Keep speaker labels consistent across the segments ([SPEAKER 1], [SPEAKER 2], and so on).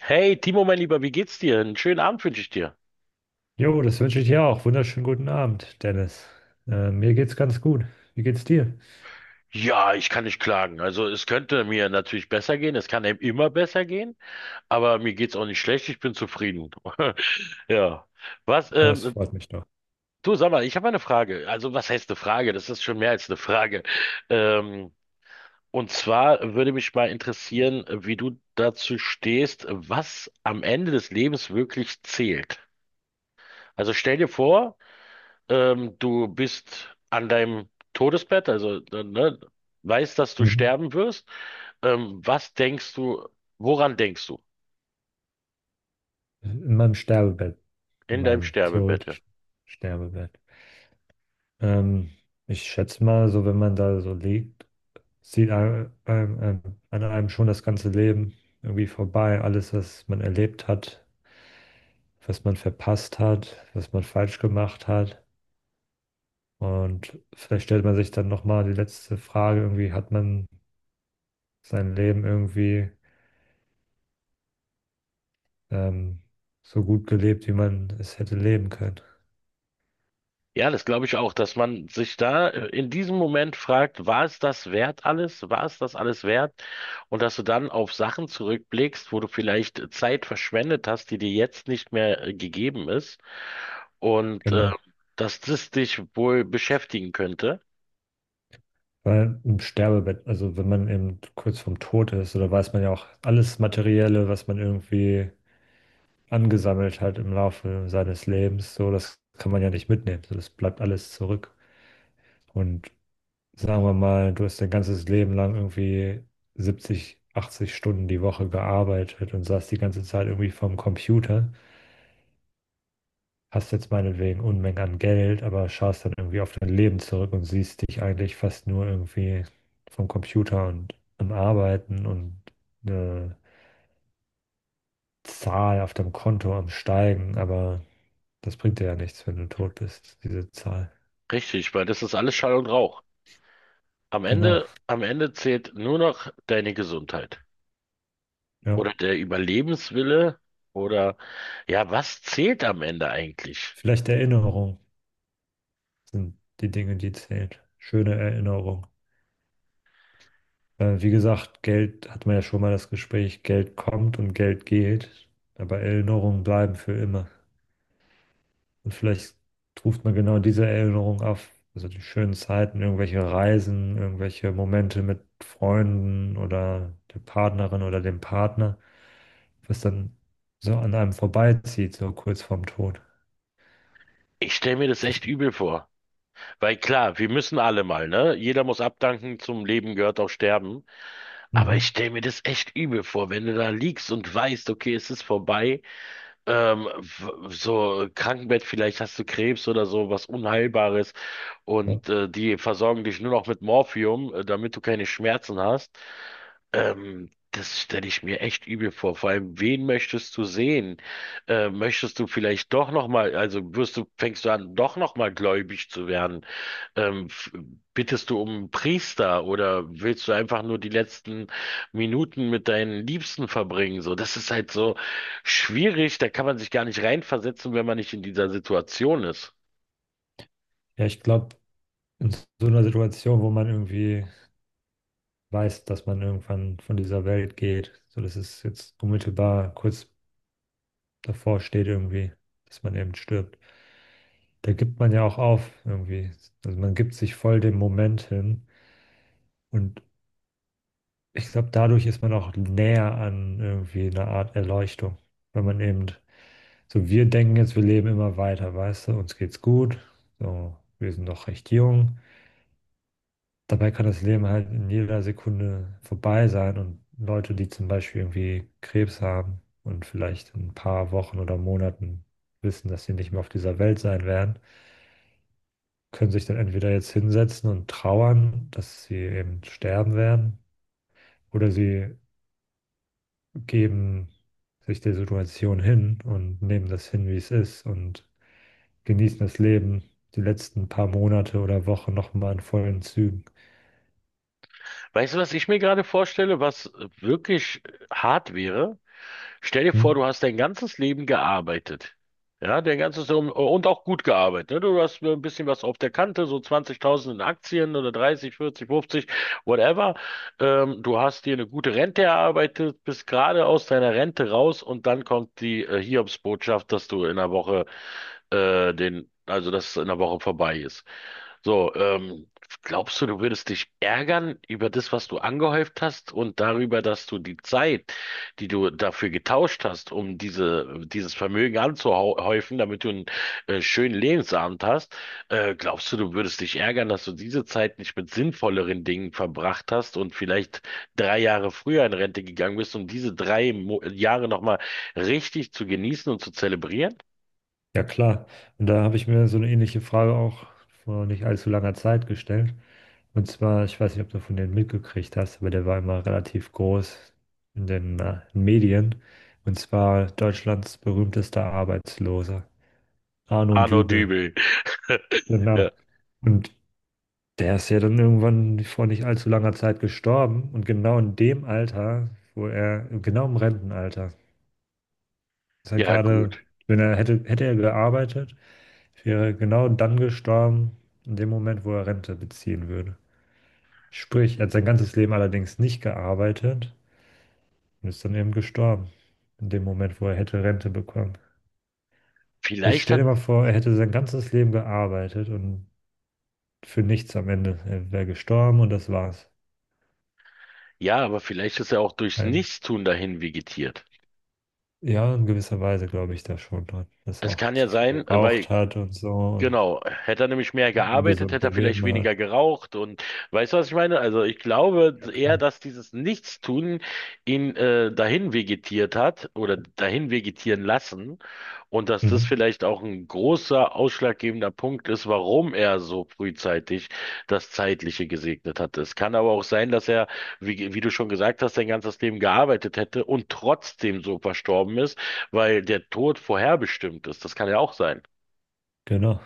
[SPEAKER 1] Hey, Timo, mein Lieber, wie geht's dir? Einen schönen Abend wünsche ich dir.
[SPEAKER 2] Jo, das wünsche ich dir auch. Wunderschönen guten Abend, Dennis. Mir geht's ganz gut. Wie geht's dir?
[SPEAKER 1] Ja, ich kann nicht klagen. Also es könnte mir natürlich besser gehen, es kann einem immer besser gehen, aber mir geht's auch nicht schlecht, ich bin zufrieden. Ja. Was,
[SPEAKER 2] Ah, das
[SPEAKER 1] ähm,
[SPEAKER 2] freut mich doch.
[SPEAKER 1] Du sag mal, ich habe eine Frage. Also was heißt eine Frage? Das ist schon mehr als eine Frage. Ähm, und zwar würde mich mal interessieren, wie du dazu stehst, was am Ende des Lebens wirklich zählt. Also stell dir vor, du bist an deinem Todesbett, also ne, weißt, dass du
[SPEAKER 2] Mhm.
[SPEAKER 1] sterben wirst. Was denkst du, woran denkst du
[SPEAKER 2] In meinem Sterbebett, in
[SPEAKER 1] in deinem
[SPEAKER 2] meinem
[SPEAKER 1] Sterbebett? Ja?
[SPEAKER 2] theoretischen Sterbebett. Ähm, Ich schätze mal, so wenn man da so liegt, sieht an einem schon das ganze Leben irgendwie vorbei. Alles, was man erlebt hat, was man verpasst hat, was man falsch gemacht hat. Und vielleicht stellt man sich dann nochmal die letzte Frage, irgendwie hat man sein Leben irgendwie ähm, so gut gelebt, wie man es hätte leben können.
[SPEAKER 1] Ja, das glaube ich auch, dass man sich da in diesem Moment fragt, war es das wert alles? War es das alles wert? Und dass du dann auf Sachen zurückblickst, wo du vielleicht Zeit verschwendet hast, die dir jetzt nicht mehr gegeben ist. Und äh,
[SPEAKER 2] Genau.
[SPEAKER 1] Dass das dich wohl beschäftigen könnte.
[SPEAKER 2] Weil im Sterbebett, also wenn man eben kurz vorm Tod ist, oder weiß man ja auch alles Materielle, was man irgendwie angesammelt hat im Laufe seines Lebens, so das kann man ja nicht mitnehmen. So, das bleibt alles zurück. Und sagen wir mal, du hast dein ganzes Leben lang irgendwie 70, 80 Stunden die Woche gearbeitet und saß die ganze Zeit irgendwie vorm Computer, hast jetzt meinetwegen Unmengen an Geld, aber schaust dann irgendwie auf dein Leben zurück und siehst dich eigentlich fast nur irgendwie vom Computer und am Arbeiten und eine Zahl auf deinem Konto am Steigen, aber das bringt dir ja nichts, wenn du tot bist, diese Zahl.
[SPEAKER 1] Richtig, weil das ist alles Schall und Rauch.
[SPEAKER 2] Genau,
[SPEAKER 1] Am Ende zählt nur noch deine Gesundheit
[SPEAKER 2] ja.
[SPEAKER 1] oder der Überlebenswille oder ja, was zählt am Ende eigentlich?
[SPEAKER 2] Vielleicht Erinnerung sind die Dinge, die zählen. Schöne Erinnerung. Wie gesagt, Geld hat man ja schon mal das Gespräch, Geld kommt und Geld geht, aber Erinnerungen bleiben für immer. Und vielleicht ruft man genau diese Erinnerung auf, also die schönen Zeiten, irgendwelche Reisen, irgendwelche Momente mit Freunden oder der Partnerin oder dem Partner, was dann so an einem vorbeizieht, so kurz vorm Tod.
[SPEAKER 1] Ich stelle mir das
[SPEAKER 2] Das,
[SPEAKER 1] echt übel vor, weil klar, wir müssen alle mal, ne? Jeder muss abdanken, zum Leben gehört auch Sterben, aber ich
[SPEAKER 2] mhm.
[SPEAKER 1] stelle mir das echt übel vor, wenn du da liegst und weißt, okay, es ist vorbei, so Krankenbett, vielleicht hast du Krebs oder so, was Unheilbares
[SPEAKER 2] Ja,
[SPEAKER 1] und die versorgen dich nur noch mit Morphium, damit du keine Schmerzen hast. Das stelle ich mir echt übel vor. Vor allem, wen möchtest du sehen? Möchtest du vielleicht doch noch mal, also wirst du, fängst du an, doch noch mal gläubig zu werden? Ähm, f- Bittest du um einen Priester oder willst du einfach nur die letzten Minuten mit deinen Liebsten verbringen? So, das ist halt so schwierig. Da kann man sich gar nicht reinversetzen, wenn man nicht in dieser Situation ist.
[SPEAKER 2] Ja, ich glaube, in so einer Situation, wo man irgendwie weiß, dass man irgendwann von dieser Welt geht, so dass es jetzt unmittelbar kurz davor steht irgendwie, dass man eben stirbt. Da gibt man ja auch auf irgendwie. Also man gibt sich voll dem Moment hin. Und ich glaube, dadurch ist man auch näher an irgendwie einer Art Erleuchtung. Wenn man eben, so wir denken jetzt, wir leben immer weiter, weißt du, uns geht's gut, so, wir sind noch recht jung. Dabei kann das Leben halt in jeder Sekunde vorbei sein und Leute, die zum Beispiel irgendwie Krebs haben und vielleicht in ein paar Wochen oder Monaten wissen, dass sie nicht mehr auf dieser Welt sein werden, können sich dann entweder jetzt hinsetzen und trauern, dass sie eben sterben werden, oder sie geben sich der Situation hin und nehmen das hin, wie es ist und genießen das Leben die letzten paar Monate oder Wochen nochmal in vollen Zügen.
[SPEAKER 1] Weißt du, was ich mir gerade vorstelle, was wirklich hart wäre? Stell dir vor,
[SPEAKER 2] Hm?
[SPEAKER 1] du hast dein ganzes Leben gearbeitet. Ja, dein ganzes Leben und auch gut gearbeitet. Ne? Du hast ein bisschen was auf der Kante, so 20.000 in Aktien oder 30, 40, 50, whatever. Du hast dir eine gute Rente erarbeitet, bist gerade aus deiner Rente raus und dann kommt die Hiobsbotschaft, dass du in einer Woche also dass es in einer Woche vorbei ist. So, glaubst du, du würdest dich ärgern über das, was du angehäuft hast und darüber, dass du die Zeit, die du dafür getauscht hast, um dieses Vermögen anzuhäufen, damit du einen schönen Lebensabend hast, glaubst du, du würdest dich ärgern, dass du diese Zeit nicht mit sinnvolleren Dingen verbracht hast und vielleicht 3 Jahre früher in Rente gegangen bist, um diese drei Mo Jahre nochmal richtig zu genießen und zu zelebrieren?
[SPEAKER 2] Ja, klar. Und da habe ich mir so eine ähnliche Frage auch vor nicht allzu langer Zeit gestellt. Und zwar, ich weiß nicht, ob du von denen mitgekriegt hast, aber der war immer relativ groß in den Medien. Und zwar Deutschlands berühmtester Arbeitsloser, Arno
[SPEAKER 1] Arno
[SPEAKER 2] Dübel.
[SPEAKER 1] Dübel. Ja,
[SPEAKER 2] Genau. Und der ist ja dann irgendwann vor nicht allzu langer Zeit gestorben. Und genau in dem Alter, wo er, genau im Rentenalter, ist er
[SPEAKER 1] ja,
[SPEAKER 2] gerade,
[SPEAKER 1] gut.
[SPEAKER 2] wenn er hätte, hätte er gearbeitet, wäre er genau dann gestorben, in dem Moment, wo er Rente beziehen würde. Sprich, er hat sein ganzes Leben allerdings nicht gearbeitet und ist dann eben gestorben, in dem Moment, wo er hätte Rente bekommen. Jetzt
[SPEAKER 1] Vielleicht
[SPEAKER 2] stell
[SPEAKER 1] hat.
[SPEAKER 2] dir mal vor, er hätte sein ganzes Leben gearbeitet und für nichts am Ende. Er wäre gestorben und das war's.
[SPEAKER 1] Ja, aber vielleicht ist er auch durchs
[SPEAKER 2] Ein,
[SPEAKER 1] Nichtstun dahin vegetiert.
[SPEAKER 2] ja, in gewisser Weise glaube ich da schon dran, dass er
[SPEAKER 1] Es
[SPEAKER 2] auch
[SPEAKER 1] kann
[SPEAKER 2] zu
[SPEAKER 1] ja
[SPEAKER 2] viel
[SPEAKER 1] sein,
[SPEAKER 2] geraucht
[SPEAKER 1] weil
[SPEAKER 2] hat und so und
[SPEAKER 1] Genau, hätte er nämlich mehr gearbeitet,
[SPEAKER 2] ungesund
[SPEAKER 1] hätte er vielleicht
[SPEAKER 2] gelebt hat.
[SPEAKER 1] weniger geraucht und weißt du, was ich meine? Also ich glaube
[SPEAKER 2] Ja,
[SPEAKER 1] eher,
[SPEAKER 2] klar.
[SPEAKER 1] dass dieses Nichtstun ihn dahin vegetiert hat oder dahin vegetieren lassen und dass das
[SPEAKER 2] Mhm.
[SPEAKER 1] vielleicht auch ein großer ausschlaggebender Punkt ist, warum er so frühzeitig das Zeitliche gesegnet hat. Es kann aber auch sein, dass er, wie du schon gesagt hast, sein ganzes Leben gearbeitet hätte und trotzdem so verstorben ist, weil der Tod vorherbestimmt ist. Das kann ja auch sein.
[SPEAKER 2] Genau.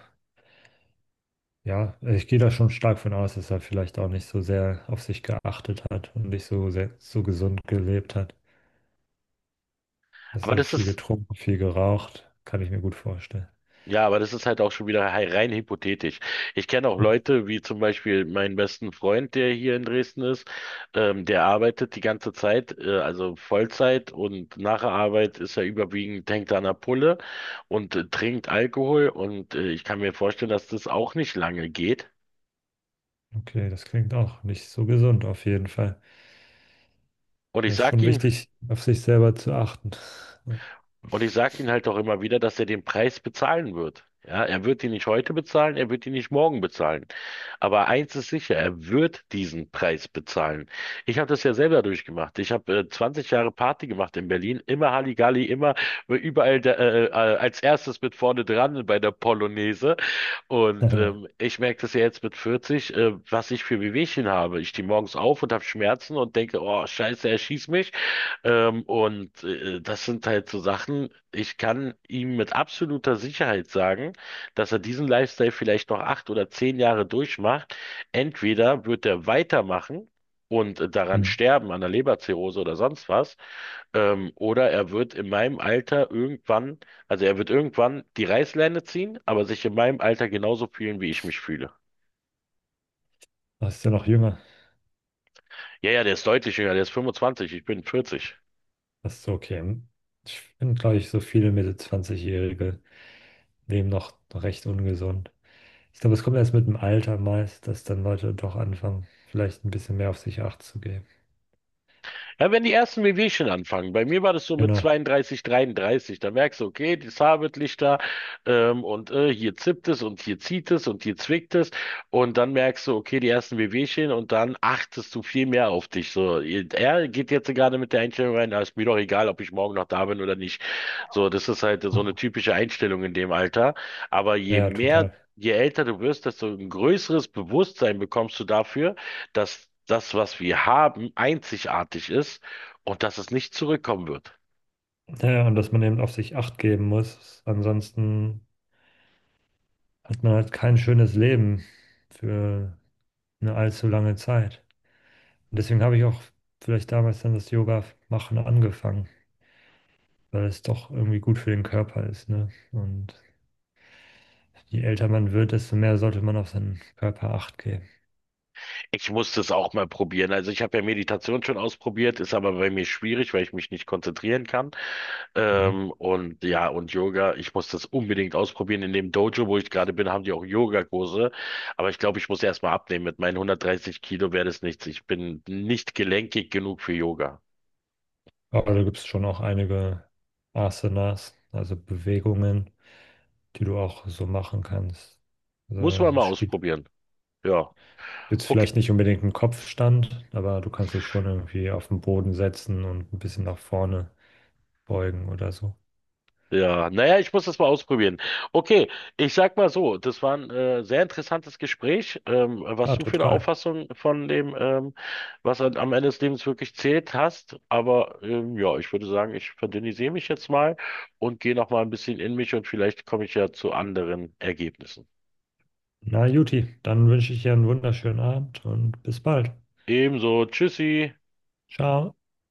[SPEAKER 2] Ja, also ich gehe da schon stark von aus, dass er vielleicht auch nicht so sehr auf sich geachtet hat und nicht so sehr, so gesund gelebt hat. Dass
[SPEAKER 1] Aber
[SPEAKER 2] er
[SPEAKER 1] das
[SPEAKER 2] viel
[SPEAKER 1] ist
[SPEAKER 2] getrunken, viel geraucht, kann ich mir gut vorstellen.
[SPEAKER 1] Ja, aber das ist halt auch schon wieder rein hypothetisch. Ich kenne auch
[SPEAKER 2] Ja.
[SPEAKER 1] Leute, wie zum Beispiel meinen besten Freund, der hier in Dresden ist, der arbeitet die ganze Zeit, also Vollzeit und nach der Arbeit ist er überwiegend, hängt er an der Pulle und trinkt Alkohol und ich kann mir vorstellen, dass das auch nicht lange geht.
[SPEAKER 2] Okay, das klingt auch nicht so gesund auf jeden Fall.
[SPEAKER 1] Und ich
[SPEAKER 2] Es ist
[SPEAKER 1] sag
[SPEAKER 2] schon
[SPEAKER 1] ihm,
[SPEAKER 2] wichtig, auf sich selber zu achten.
[SPEAKER 1] Und ich sage ihm halt auch immer wieder, dass er den Preis bezahlen wird. Ja, er wird ihn nicht heute bezahlen, er wird ihn nicht morgen bezahlen. Aber eins ist sicher, er wird diesen Preis bezahlen. Ich habe das ja selber durchgemacht. Ich habe 20 Jahre Party gemacht in Berlin, immer Halligalli, immer als erstes mit vorne dran bei der Polonaise. Und
[SPEAKER 2] Ja.
[SPEAKER 1] ich merke das ja jetzt mit 40, was ich für Wehwehchen habe. Ich stehe morgens auf und habe Schmerzen und denke, oh Scheiße, er schießt mich. Das sind halt so Sachen, ich kann ihm mit absoluter Sicherheit sagen, dass er diesen Lifestyle vielleicht noch 8 oder 10 Jahre durchmacht. Entweder wird er weitermachen und daran
[SPEAKER 2] Hm.
[SPEAKER 1] sterben, an der Leberzirrhose oder sonst was, oder er wird in meinem Alter irgendwann, also er wird irgendwann die Reißleine ziehen, aber sich in meinem Alter genauso fühlen, wie ich mich fühle.
[SPEAKER 2] Du bist ja noch jünger.
[SPEAKER 1] Ja, ja, der ist deutlich jünger, der ist 25, ich bin 40.
[SPEAKER 2] Das ist okay. Ich finde, glaube ich, so viele Mitte 20-Jährige leben noch recht ungesund. Ich glaube, es kommt erst mit dem Alter meist, dass dann Leute doch anfangen, vielleicht ein bisschen mehr auf sich Acht zu geben.
[SPEAKER 1] Ja, wenn die ersten Wehwehchen anfangen, bei mir war das so mit
[SPEAKER 2] Genau.
[SPEAKER 1] 32, 33, da merkst du, okay, das Haar wird lichter, hier zippt es und hier zieht es und hier zwickt es und dann merkst du, okay, die ersten Wehwehchen und dann achtest du viel mehr auf dich. So, er geht jetzt gerade mit der Einstellung rein, da ist mir doch egal, ob ich morgen noch da bin oder nicht. So, das ist halt so
[SPEAKER 2] Ja,
[SPEAKER 1] eine typische Einstellung in dem Alter, aber
[SPEAKER 2] ja, total.
[SPEAKER 1] je älter du wirst, desto ein größeres Bewusstsein bekommst du dafür, dass das, was wir haben, einzigartig ist und dass es nicht zurückkommen wird.
[SPEAKER 2] Ja, ja, und dass man eben auf sich Acht geben muss. Ansonsten hat man halt kein schönes Leben für eine allzu lange Zeit. Und deswegen habe ich auch vielleicht damals dann das Yoga machen angefangen, weil es doch irgendwie gut für den Körper ist, ne? Und je älter man wird, desto mehr sollte man auf seinen Körper Acht geben.
[SPEAKER 1] Ich musste es auch mal probieren. Also ich habe ja Meditation schon ausprobiert, ist aber bei mir schwierig, weil ich mich nicht konzentrieren kann.
[SPEAKER 2] Und
[SPEAKER 1] Und ja, und Yoga, ich muss das unbedingt ausprobieren. In dem Dojo, wo ich gerade bin, haben die auch Yogakurse. Aber ich glaube, ich muss erst mal abnehmen. Mit meinen 130 Kilo wäre das nichts. Ich bin nicht gelenkig genug für Yoga.
[SPEAKER 2] Aber da gibt es schon auch einige Asanas, also Bewegungen, die du auch so machen kannst. Also
[SPEAKER 1] Muss man mal
[SPEAKER 2] es spielt
[SPEAKER 1] ausprobieren. Ja.
[SPEAKER 2] jetzt
[SPEAKER 1] Okay.
[SPEAKER 2] vielleicht nicht unbedingt einen Kopfstand, aber du kannst dich schon irgendwie auf den Boden setzen und ein bisschen nach vorne beugen oder so.
[SPEAKER 1] Ja, naja, ich muss das mal ausprobieren. Okay, ich sag mal so, das war ein sehr interessantes Gespräch, was
[SPEAKER 2] Ja,
[SPEAKER 1] du für eine
[SPEAKER 2] total.
[SPEAKER 1] Auffassung von dem was halt am Ende des Lebens wirklich zählt hast. Aber ja, ich würde sagen, ich verdünnisiere mich jetzt mal und gehe noch mal ein bisschen in mich und vielleicht komme ich ja zu anderen Ergebnissen.
[SPEAKER 2] Na, Juti, dann wünsche ich dir einen wunderschönen Abend und bis bald.
[SPEAKER 1] Ebenso, tschüssi.
[SPEAKER 2] Ciao.